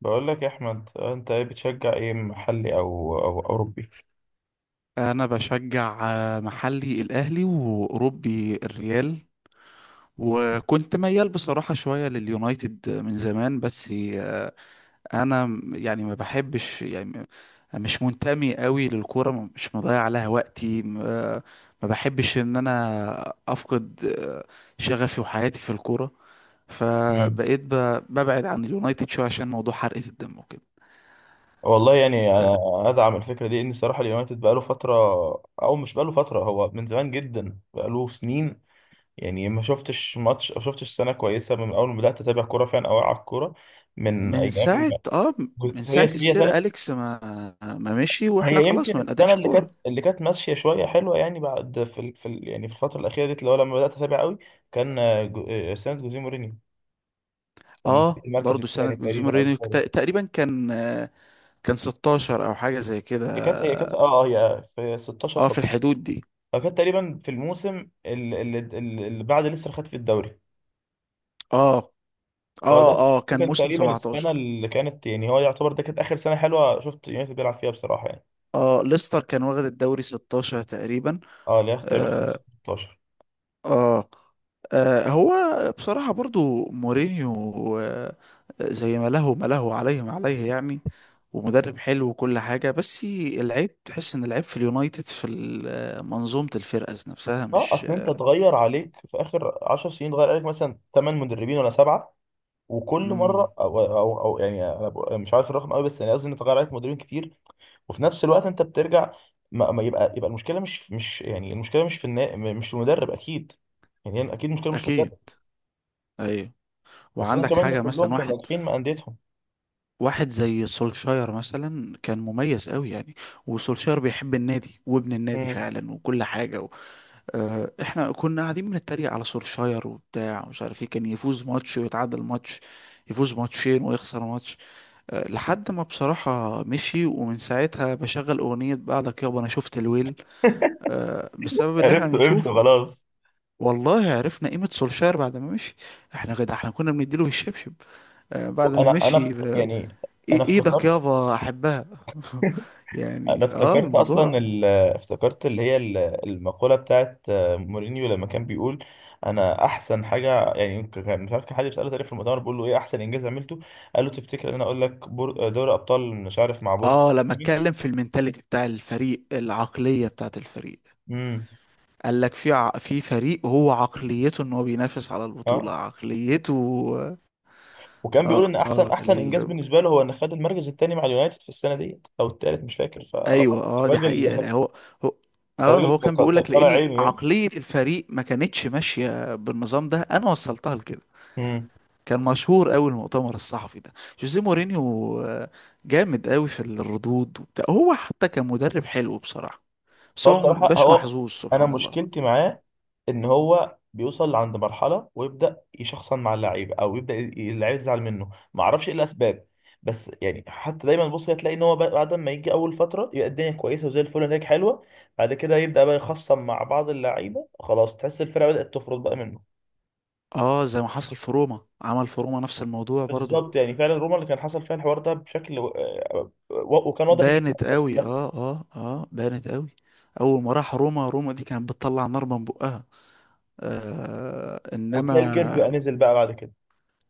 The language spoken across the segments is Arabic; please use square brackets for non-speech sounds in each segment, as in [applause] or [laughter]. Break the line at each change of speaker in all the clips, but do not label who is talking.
بقول لك يا احمد، انت ايه بتشجع؟ ايه، محلي او اوروبي؟
انا بشجع محلي الاهلي واوروبي الريال. وكنت ميال بصراحة شوية لليونايتد من زمان، بس انا يعني ما بحبش، مش منتمي قوي للكورة، مش مضيع عليها وقتي، ما بحبش ان انا افقد شغفي وحياتي في الكورة.
مم.
فبقيت ببعد عن اليونايتد شوية عشان موضوع حرقة الدم وكده.
والله يعني انا ادعم الفكره دي. ان الصراحه اليونايتد بقاله فتره، او مش بقاله فتره، هو من زمان جدا بقاله سنين. يعني ما شفتش ماتش او شفتش سنه كويسه من اول ما بدات اتابع كوره فعلا او على الكوره من
من
ايام.
ساعة اه من
هي
ساعة
هي
السير
سنه.
أليكس ما مشي، واحنا
هي
خلاص
يمكن
ما
السنه
بنقدمش
اللي
كورة.
كانت اللي كانت ماشيه شويه حلوه يعني بعد يعني في الفتره الاخيره ديت، اللي هو لما بدات اتابع قوي، كان سنه جوزيه مورينيو، لما كان
اه،
المركز
برضو سنة
الثاني
جوزيه
تقريبا او
مورينيو
الثالث.
تقريبا كان 16 او حاجة زي كده.
هي كانت هي في 16
اه، في
17،
الحدود دي.
كانت تقريبا في الموسم اللي بعد لسه خد في الدوري.
اه
هو ده.
اه،
ده
كان
كان
موسم
تقريبا السنه
17.
اللي كانت، يعني هو يعتبر ده كانت اخر سنه حلوه شفت يونايتد بيلعب فيها بصراحه يعني،
اه، ليستر كان واخد الدوري 16 تقريبا.
اه، اللي هي تقريبا
آه
15 16.
اه هو بصراحة برضو مورينيو زي ما له، ما له عليه، ما عليه يعني. ومدرب حلو وكل حاجة، بس العيب تحس ان العيب في اليونايتد في منظومة الفرقة نفسها
اه
مش...
اصل انت اتغير عليك في اخر 10 سنين، اتغير عليك مثلا 8 مدربين ولا سبعه. وكل مره
مم.
او يعني انا مش عارف الرقم قوي، بس يعني قصدي ان اتغير عليك مدربين كتير. وفي نفس الوقت انت بترجع. ما يبقى المشكله مش يعني المشكله مش في المدرب اكيد. يعني هي اكيد المشكله مش في
اكيد.
المدرب،
ايوه.
خاصه
وعندك
كمان ان
حاجة،
كلهم
مثلا
كانوا ناجحين مع انديتهم.
واحد زي سولشاير مثلا كان مميز قوي يعني. وسولشاير بيحب النادي وابن النادي
مم.
فعلا وكل حاجة. احنا كنا قاعدين بنتريق على سولشاير وبتاع ومش عارف ايه. كان يفوز ماتش ويتعادل ماتش، يفوز ماتشين ويخسر ماتش، لحد ما بصراحة مشي. ومن ساعتها بشغل أغنية بعدك يابا أنا شفت الويل، بسبب اللي احنا
عرفت عرفت
بنشوفه.
خلاص.
والله عرفنا قيمة سولشاير بعد ما مشي. احنا كنا بنديله بالشبشب. بعد ما
انا
مشي
انا
آه،
يعني، انا
ايدك
افتكرت.
يابا احبها. [laughs]
انا
يعني اه،
افتكرت
الموضوع.
افتكرت المقوله بتاعت مورينيو لما كان بيقول انا احسن حاجه يعني، مش عارف، كان حد بيساله تقريبا في المؤتمر بيقول له ايه احسن انجاز عملته، قال له تفتكر ان انا اقول لك دوري ابطال مش عارف مع بورتو.
اه، لما اتكلم في المينتاليتي بتاع الفريق، العقلية بتاعت الفريق،
امم
قال لك في فريق هو عقليته ان هو بينافس على البطولة.
اه،
عقليته.
وكان بيقول
اه
ان احسن
اه
احسن
ال...
انجاز بالنسبه له هو ان خد المركز الثاني مع اليونايتد في السنه ديت او الثالث مش فاكر
ايوه. اه، دي حقيقة.
فالراجل.
لا
[laughs]
هو. هو. اه،
الراجل
هو كان بيقول لك
طالع
لاني
عينه يعني.
عقلية الفريق ما كانتش ماشية بالنظام ده، انا وصلتها لكده.
امم
كان مشهور قوي المؤتمر الصحفي ده. جوزيه مورينيو جامد قوي في الردود وبتاع. هو حتى كان مدرب حلو بصراحة، بس
هو
هو
بصراحه
مبيبقاش
هو،
محظوظ
انا
سبحان الله.
مشكلتي معاه ان هو بيوصل عند مرحله ويبدا يشخصن مع اللعيبه، او يبدا اللعيبه يزعل منه ما اعرفش ايه الاسباب. بس يعني حتى دايما بص هتلاقي ان هو بعد ما يجي اول فتره يبقى الدنيا كويسه وزي الفل ونتائج حلوه، بعد كده يبدا بقى يخصم مع بعض اللعيبه، خلاص تحس الفرقه بدات تفرط بقى منه.
اه، زي ما حصل في روما، عمل في روما نفس الموضوع برضو.
بالظبط، يعني فعلا روما اللي كان حصل فيها الحوار ده بشكل وكان واضح جدا
بانت
للناس
قوي،
كلها.
بانت قوي. اول ما راح روما، دي كانت بتطلع نار من بقها. آه،
وتلاقي الكيرف بقى
انما...
نزل بقى بعد كده،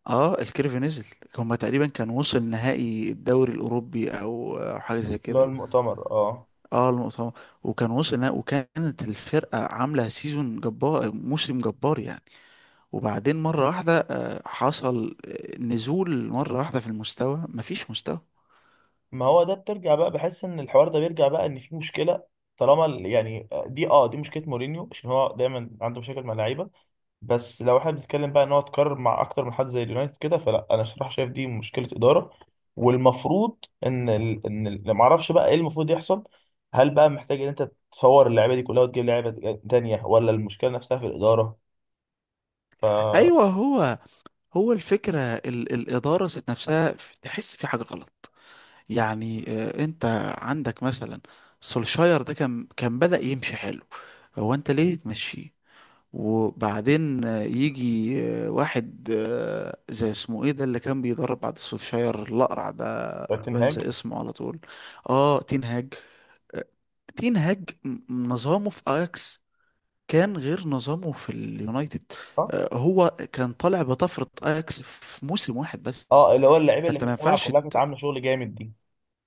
اه، الكيرف نزل. هما تقريبا كان وصل نهائي الدوري الاوروبي، او حاجه زي
اللي هو
كده.
المؤتمر، اه.
اه، المؤتمر. وكان وصل نهائي، وكانت الفرقه عامله سيزون جبار، موسم جبار يعني. وبعدين مره واحده آه، حصل نزول مره واحده في المستوى، مفيش مستوى.
ما هو ده بترجع بقى، بحس ان الحوار ده بيرجع بقى ان في مشكله. طالما يعني دي، دي مشكله مورينيو عشان هو دايما عنده مشاكل مع اللعيبه. بس لو احنا بنتكلم بقى ان هو اتكرر مع اكتر من حد زي اليونايتد كده، فلا، انا صراحه شايف دي مشكله اداره. والمفروض ان ما اعرفش بقى ايه المفروض يحصل. هل بقى محتاج ان انت تفور اللعيبه دي كلها وتجيب لعيبه تانيه، ولا المشكله نفسها في الاداره؟ ف
ايوه هو. هو الفكرة الإدارة ذات نفسها، تحس في حاجة غلط. يعني أنت عندك مثلا سولشاير ده كان بدأ يمشي حلو. هو أنت ليه تمشيه؟ وبعدين يجي واحد زي اسمه ايه ده اللي كان بيدرب بعد سولشاير، الأقرع ده،
تين هاج.
بنسى اسمه على طول. اه، تين هاج. آه، تين هاج نظامه في اياكس كان غير نظامه في اليونايتد.
صح.
هو كان طالع بطفرة اياكس في موسم واحد بس.
اه، اللي هو اللعيبه اللي
فانت ما
كانت طالعه
ينفعش
كلها كانت
ت...
عامله شغل جامد دي.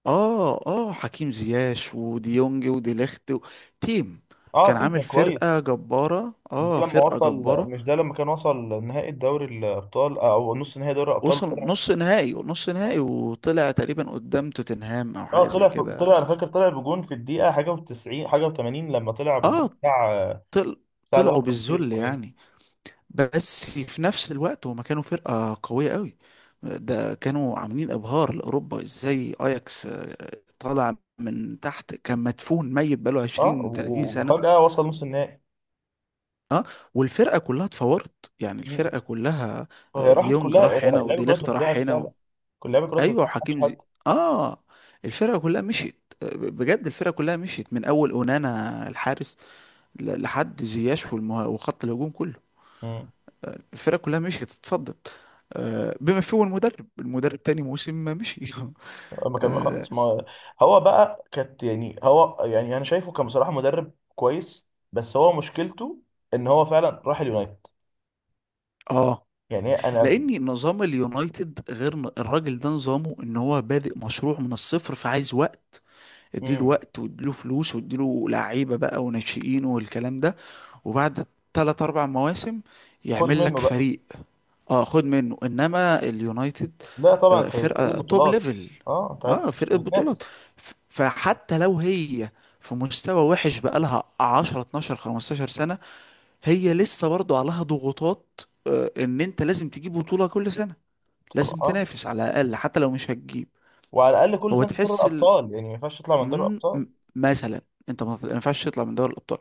اه، حكيم زياش وديونج وديليخت و... تيم.
اه،
كان
تيم
عامل
كان كويس.
فرقة جبارة،
ده
اه،
لما
فرقة
وصل،
جبارة.
مش ده لما كان وصل نهائي الدوري الابطال او نص نهائي دوري الابطال
وصل
وطلع.
نص نهائي، وطلع تقريبا قدام توتنهام او
اه،
حاجة زي
طلع،
كده،
انا
مش...
فاكر، طلع بجون في الدقيقه حاجه و90 حاجه و80، لما طلع بالجون
اه
بتاع
طل...
بتاع اللي هو
طلعوا
برازيل
بالذل
اسمه ايه.
يعني. بس في نفس الوقت هما كانوا فرقة قوية قوي. ده كانوا عاملين ابهار لاوروبا ازاي. اياكس طالع من تحت، كان مدفون ميت بقاله
اه
20 30
و-
سنة.
وفجاه وصل نص النهائي.
اه، والفرقة كلها اتفورت، يعني
مم.
الفرقة كلها.
وهي راحت
ديونج
كلها،
راح هنا
اللعيبه كلها
وديليخت راح
اتوزعت
هنا
فعلا،
و...
كل اللعيبه كلها اتوزعت،
ايوه
ما حدش
وحكيم
حد.
زي... اه، الفرقة كلها مشيت. بجد الفرقة كلها مشيت، من اول اونانا الحارس لحد زياش والمه... وخط الهجوم كله.
مم.
الفرق كلها مشيت، اتفضت بما فيه المدرب. المدرب تاني موسم ما مشي. [laughs]
ما كان
اه.
خلاص. ما هو بقى كانت، يعني هو، يعني انا شايفه كان بصراحه مدرب كويس، بس هو مشكلته ان هو فعلا راح اليونايتد.
آه.
يعني انا.
لان نظام اليونايتد غير. الراجل ده نظامه ان هو بادئ مشروع من الصفر، فعايز وقت. اديله
مم.
وقت، واديله فلوس، واديله لعيبه بقى وناشئين والكلام ده. وبعد ثلاث اربع مواسم
خد
يعمل لك
منه بقى.
فريق. اه، خد منه، انما اليونايتد
لا طبعا انت بتجيب
فرقه توب
بطولات.
ليفل.
اه، انت عايز
اه، فرقه بطولات.
تتنافس.
فحتى لو هي في مستوى وحش بقالها 10 12 15 سنه، هي لسه برضو عليها ضغوطات ان انت لازم تجيب بطوله كل سنه.
طبعا.
لازم
اه،
تنافس على الاقل حتى لو مش هتجيب.
وعلى الاقل كل
هو
سنه في دوري
تحس
الابطال يعني، ما ينفعش تطلع من دوري
مم،
الابطال.
م- مثلا انت ما ينفعش تطلع من دوري الابطال.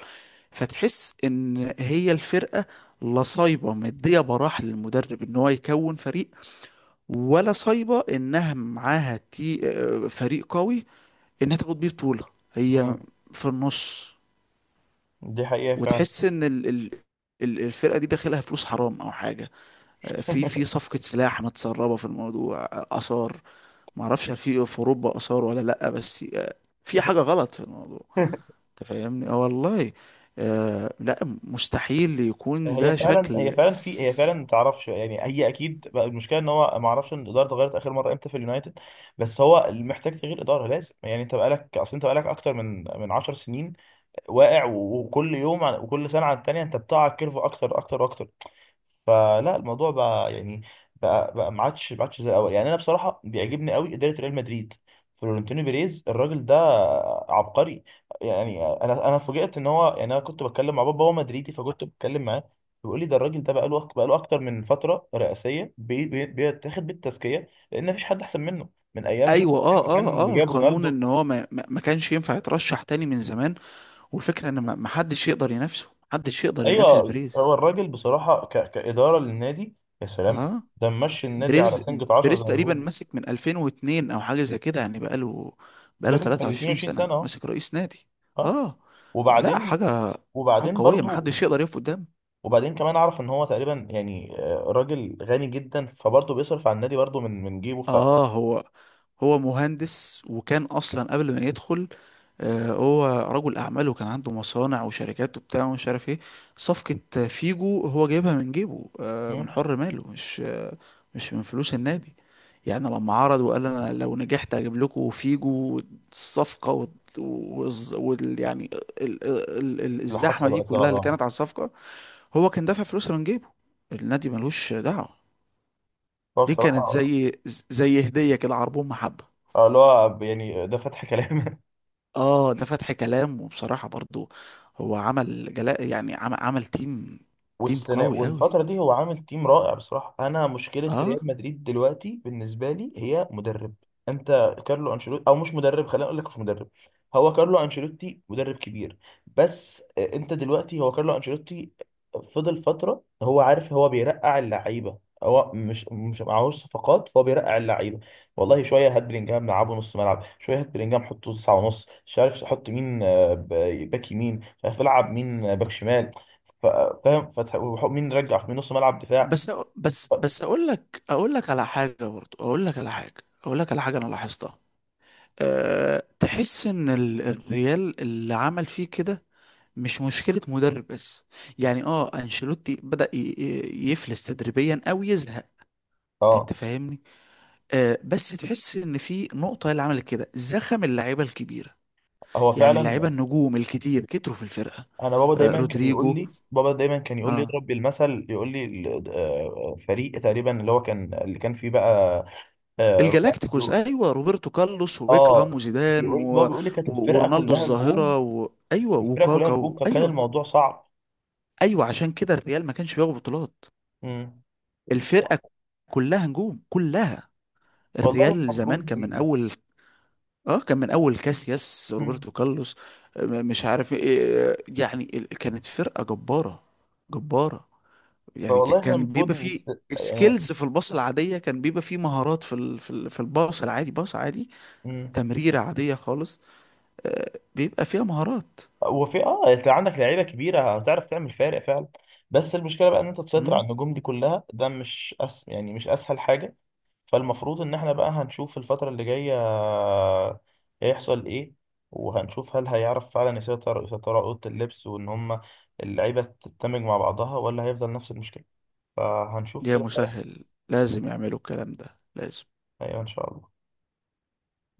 فتحس ان هي الفرقه لصايبه مديه براح للمدرب ان هو يكون فريق، ولا صايبة انها معاها تي آه، فريق قوي، انها تاخد بيه بطولة. هي
مم.
في النص.
دي حقيقه فعلا.
وتحس ان الفرقة دي داخلها فلوس حرام او حاجة في
[laughs]
صفقة سلاح متسربة في الموضوع آثار. معرفش هل في اوروبا آثار ولا لأ، بس في حاجة غلط في الموضوع. انت فاهمني؟ اه والله. لا، مستحيل يكون
هي
ده
فعلا هي
شكل
فعلا في هي فعلا ما تعرفش يعني. هي اكيد بقى المشكله، ان هو ما اعرفش ان الاداره اتغيرت اخر مره امتى في اليونايتد، بس هو محتاج تغيير اداره لازم. يعني انت بقالك، اصل انت بقالك اكتر من 10 سنين واقع، و- وكل يوم وكل سنه عن التانيه انت بتقع الكيرف اكتر اكتر واكتر. فلا الموضوع بقى يعني، بقى ما عادش ما عادش زي الاول. يعني انا بصراحه بيعجبني قوي اداره ريال مدريد. فلورنتينو بيريز الراجل ده عبقري، يعني. انا فوجئت ان هو، يعني انا كنت بتكلم مع بابا، هو مدريدي، فكنت بتكلم معاه بيقول لي ده الراجل ده بقى له اكتر من فتره رئاسيه، بيتاخد بالتزكيه لان مفيش حد احسن منه. من ايام، شوف
ايوه.
ايام ما كان
اه
جايب
القانون
رونالدو.
ان هو ما كانش ينفع يترشح تاني من زمان. والفكرة ان ما حدش يقدر ينافسه، ما حدش يقدر ينافس
ايوه،
بريز.
هو الراجل بصراحه كاداره للنادي، يا سلام.
اه،
ده ممشي النادي على
بريز
سنجة 10 زي
بريز
ما
تقريبا
بيقولوا.
ماسك من 2002 او حاجة زي كده، يعني بقاله
داخل في ال
23
22
سنة
سنة اهو.
ماسك رئيس نادي.
ها.
اه، لا،
وبعدين
حاجة. حاجة
وبعدين
قوية، ما
برضو،
حدش يقدر يقف قدامه.
وبعدين كمان اعرف ان هو تقريبا، يعني راجل غني جدا، فبرضه بيصرف على النادي برضه من جيبه.
اه، هو مهندس، وكان اصلا قبل ما يدخل هو رجل اعمال وكان عنده مصانع وشركات وبتاع ومش عارف ايه. صفقة فيجو هو جايبها من جيبه من
مم.
حر ماله، مش مش من فلوس النادي. يعني لما عرض وقال انا لو نجحت اجيب لكم فيجو، الصفقة وال والز- وال- يعني ال- ال- ال-
اللي
الزحمة
حصل
دي
وقتها،
كلها اللي كانت
اه.
على الصفقة، هو كان دافع فلوسها من جيبه. النادي ملوش دعوة.
هو
دي كانت
بصراحة،
زي هدية كده، عربون محبة.
اه، اللي هو يعني ده فتح كلام. [laughs]
اه، ده فتح كلام. وبصراحة برضو هو عمل جلاء، يعني عمل تيم. تيم
والسنة
قوي قوي.
والفترة دي هو عامل تيم رائع بصراحة. أنا مشكلة
اه،
ريال مدريد دلوقتي بالنسبة لي هي مدرب. أنت كارلو أنشيلوتي، أو مش مدرب، خلينا أقول لك مش مدرب. هو كارلو أنشيلوتي مدرب كبير، بس أنت دلوقتي هو كارلو أنشيلوتي فضل فترة، هو عارف هو بيرقع اللعيبة. هو مش معهوش صفقات، فهو بيرقع اللعيبه. والله شويه هات بلينجهام لعبه نص ملعب، شويه هات بلينجهام حطه تسعة ونص، مش عارف حط مين باك يمين، مش عارف العب مين باك شمال. ف- فاهم؟ فتح مين رجع في نص ملعب دفاع.
بس
ف-
بس اقول لك على حاجة برضو. اقول لك على حاجة. اقول لك على حاجة انا لاحظتها. أه، تحس ان الريال اللي عمل فيه كده مش مشكلة مدرب بس. يعني اه، انشيلوتي بدأ يفلس تدريبيا او يزهق. انت
اه
فاهمني؟ أه، بس تحس ان في نقطة اللي عملت كده، زخم اللعيبة الكبيرة
هو
يعني.
فعلا.
اللعيبه النجوم الكتير كتروا في الفرقه.
انا بابا
آه،
دايما كان يقول
رودريجو.
لي بابا دايما كان يقول لي
اه،
اضرب بالمثل، يقول لي فريق تقريبا اللي هو كان، اللي كان فيه بقى،
الجالاكتيكوس.
رونالدو.
ايوه، روبرتو كارلوس وبيكهام
اه،
وزيدان
بيقول بابا،
و...
بيقول لي كانت
و...
الفرقه
ورونالدو
كلها نجوم.
الظاهره و... ايوه،
الفرقه كلها
وكاكا
نجوم
و...
فكان
ايوه.
الموضوع صعب.
ايوه، عشان كده الريال ما كانش بياخد بطولات.
مم.
الفرقه كلها نجوم، كلها.
والله
الريال زمان
المفروض.
كان من اول. كاسياس،
مم.
روبرتو كارلوس مش عارف إيه. يعني كانت فرقه جباره، جباره. يعني
فوالله احنا
كان
المفروض
بيبقى فيه
يعني.
سكيلز في الباص العادية. كان بيبقى فيه مهارات في الباص العادي. باص عادي،
مم.
تمريرة عادية خالص بيبقى فيها مهارات.
وفي، اه، انت عندك لعيبه كبيره هتعرف تعمل فارق فعلا، بس المشكله بقى ان انت تسيطر على
امم.
النجوم دي كلها، ده مش يعني مش اسهل حاجه. فالمفروض ان احنا بقى هنشوف الفتره اللي جايه هيحصل ايه، وهنشوف هل هيعرف فعلا يسيطر على اوضه اللبس، وان هم اللعيبه تندمج مع بعضها، ولا هيفضل نفس المشكله. فهنشوف
يا
كده هيحصل.
مسهل، لازم يعملوا الكلام ده، لازم.
ايوه ان شاء الله.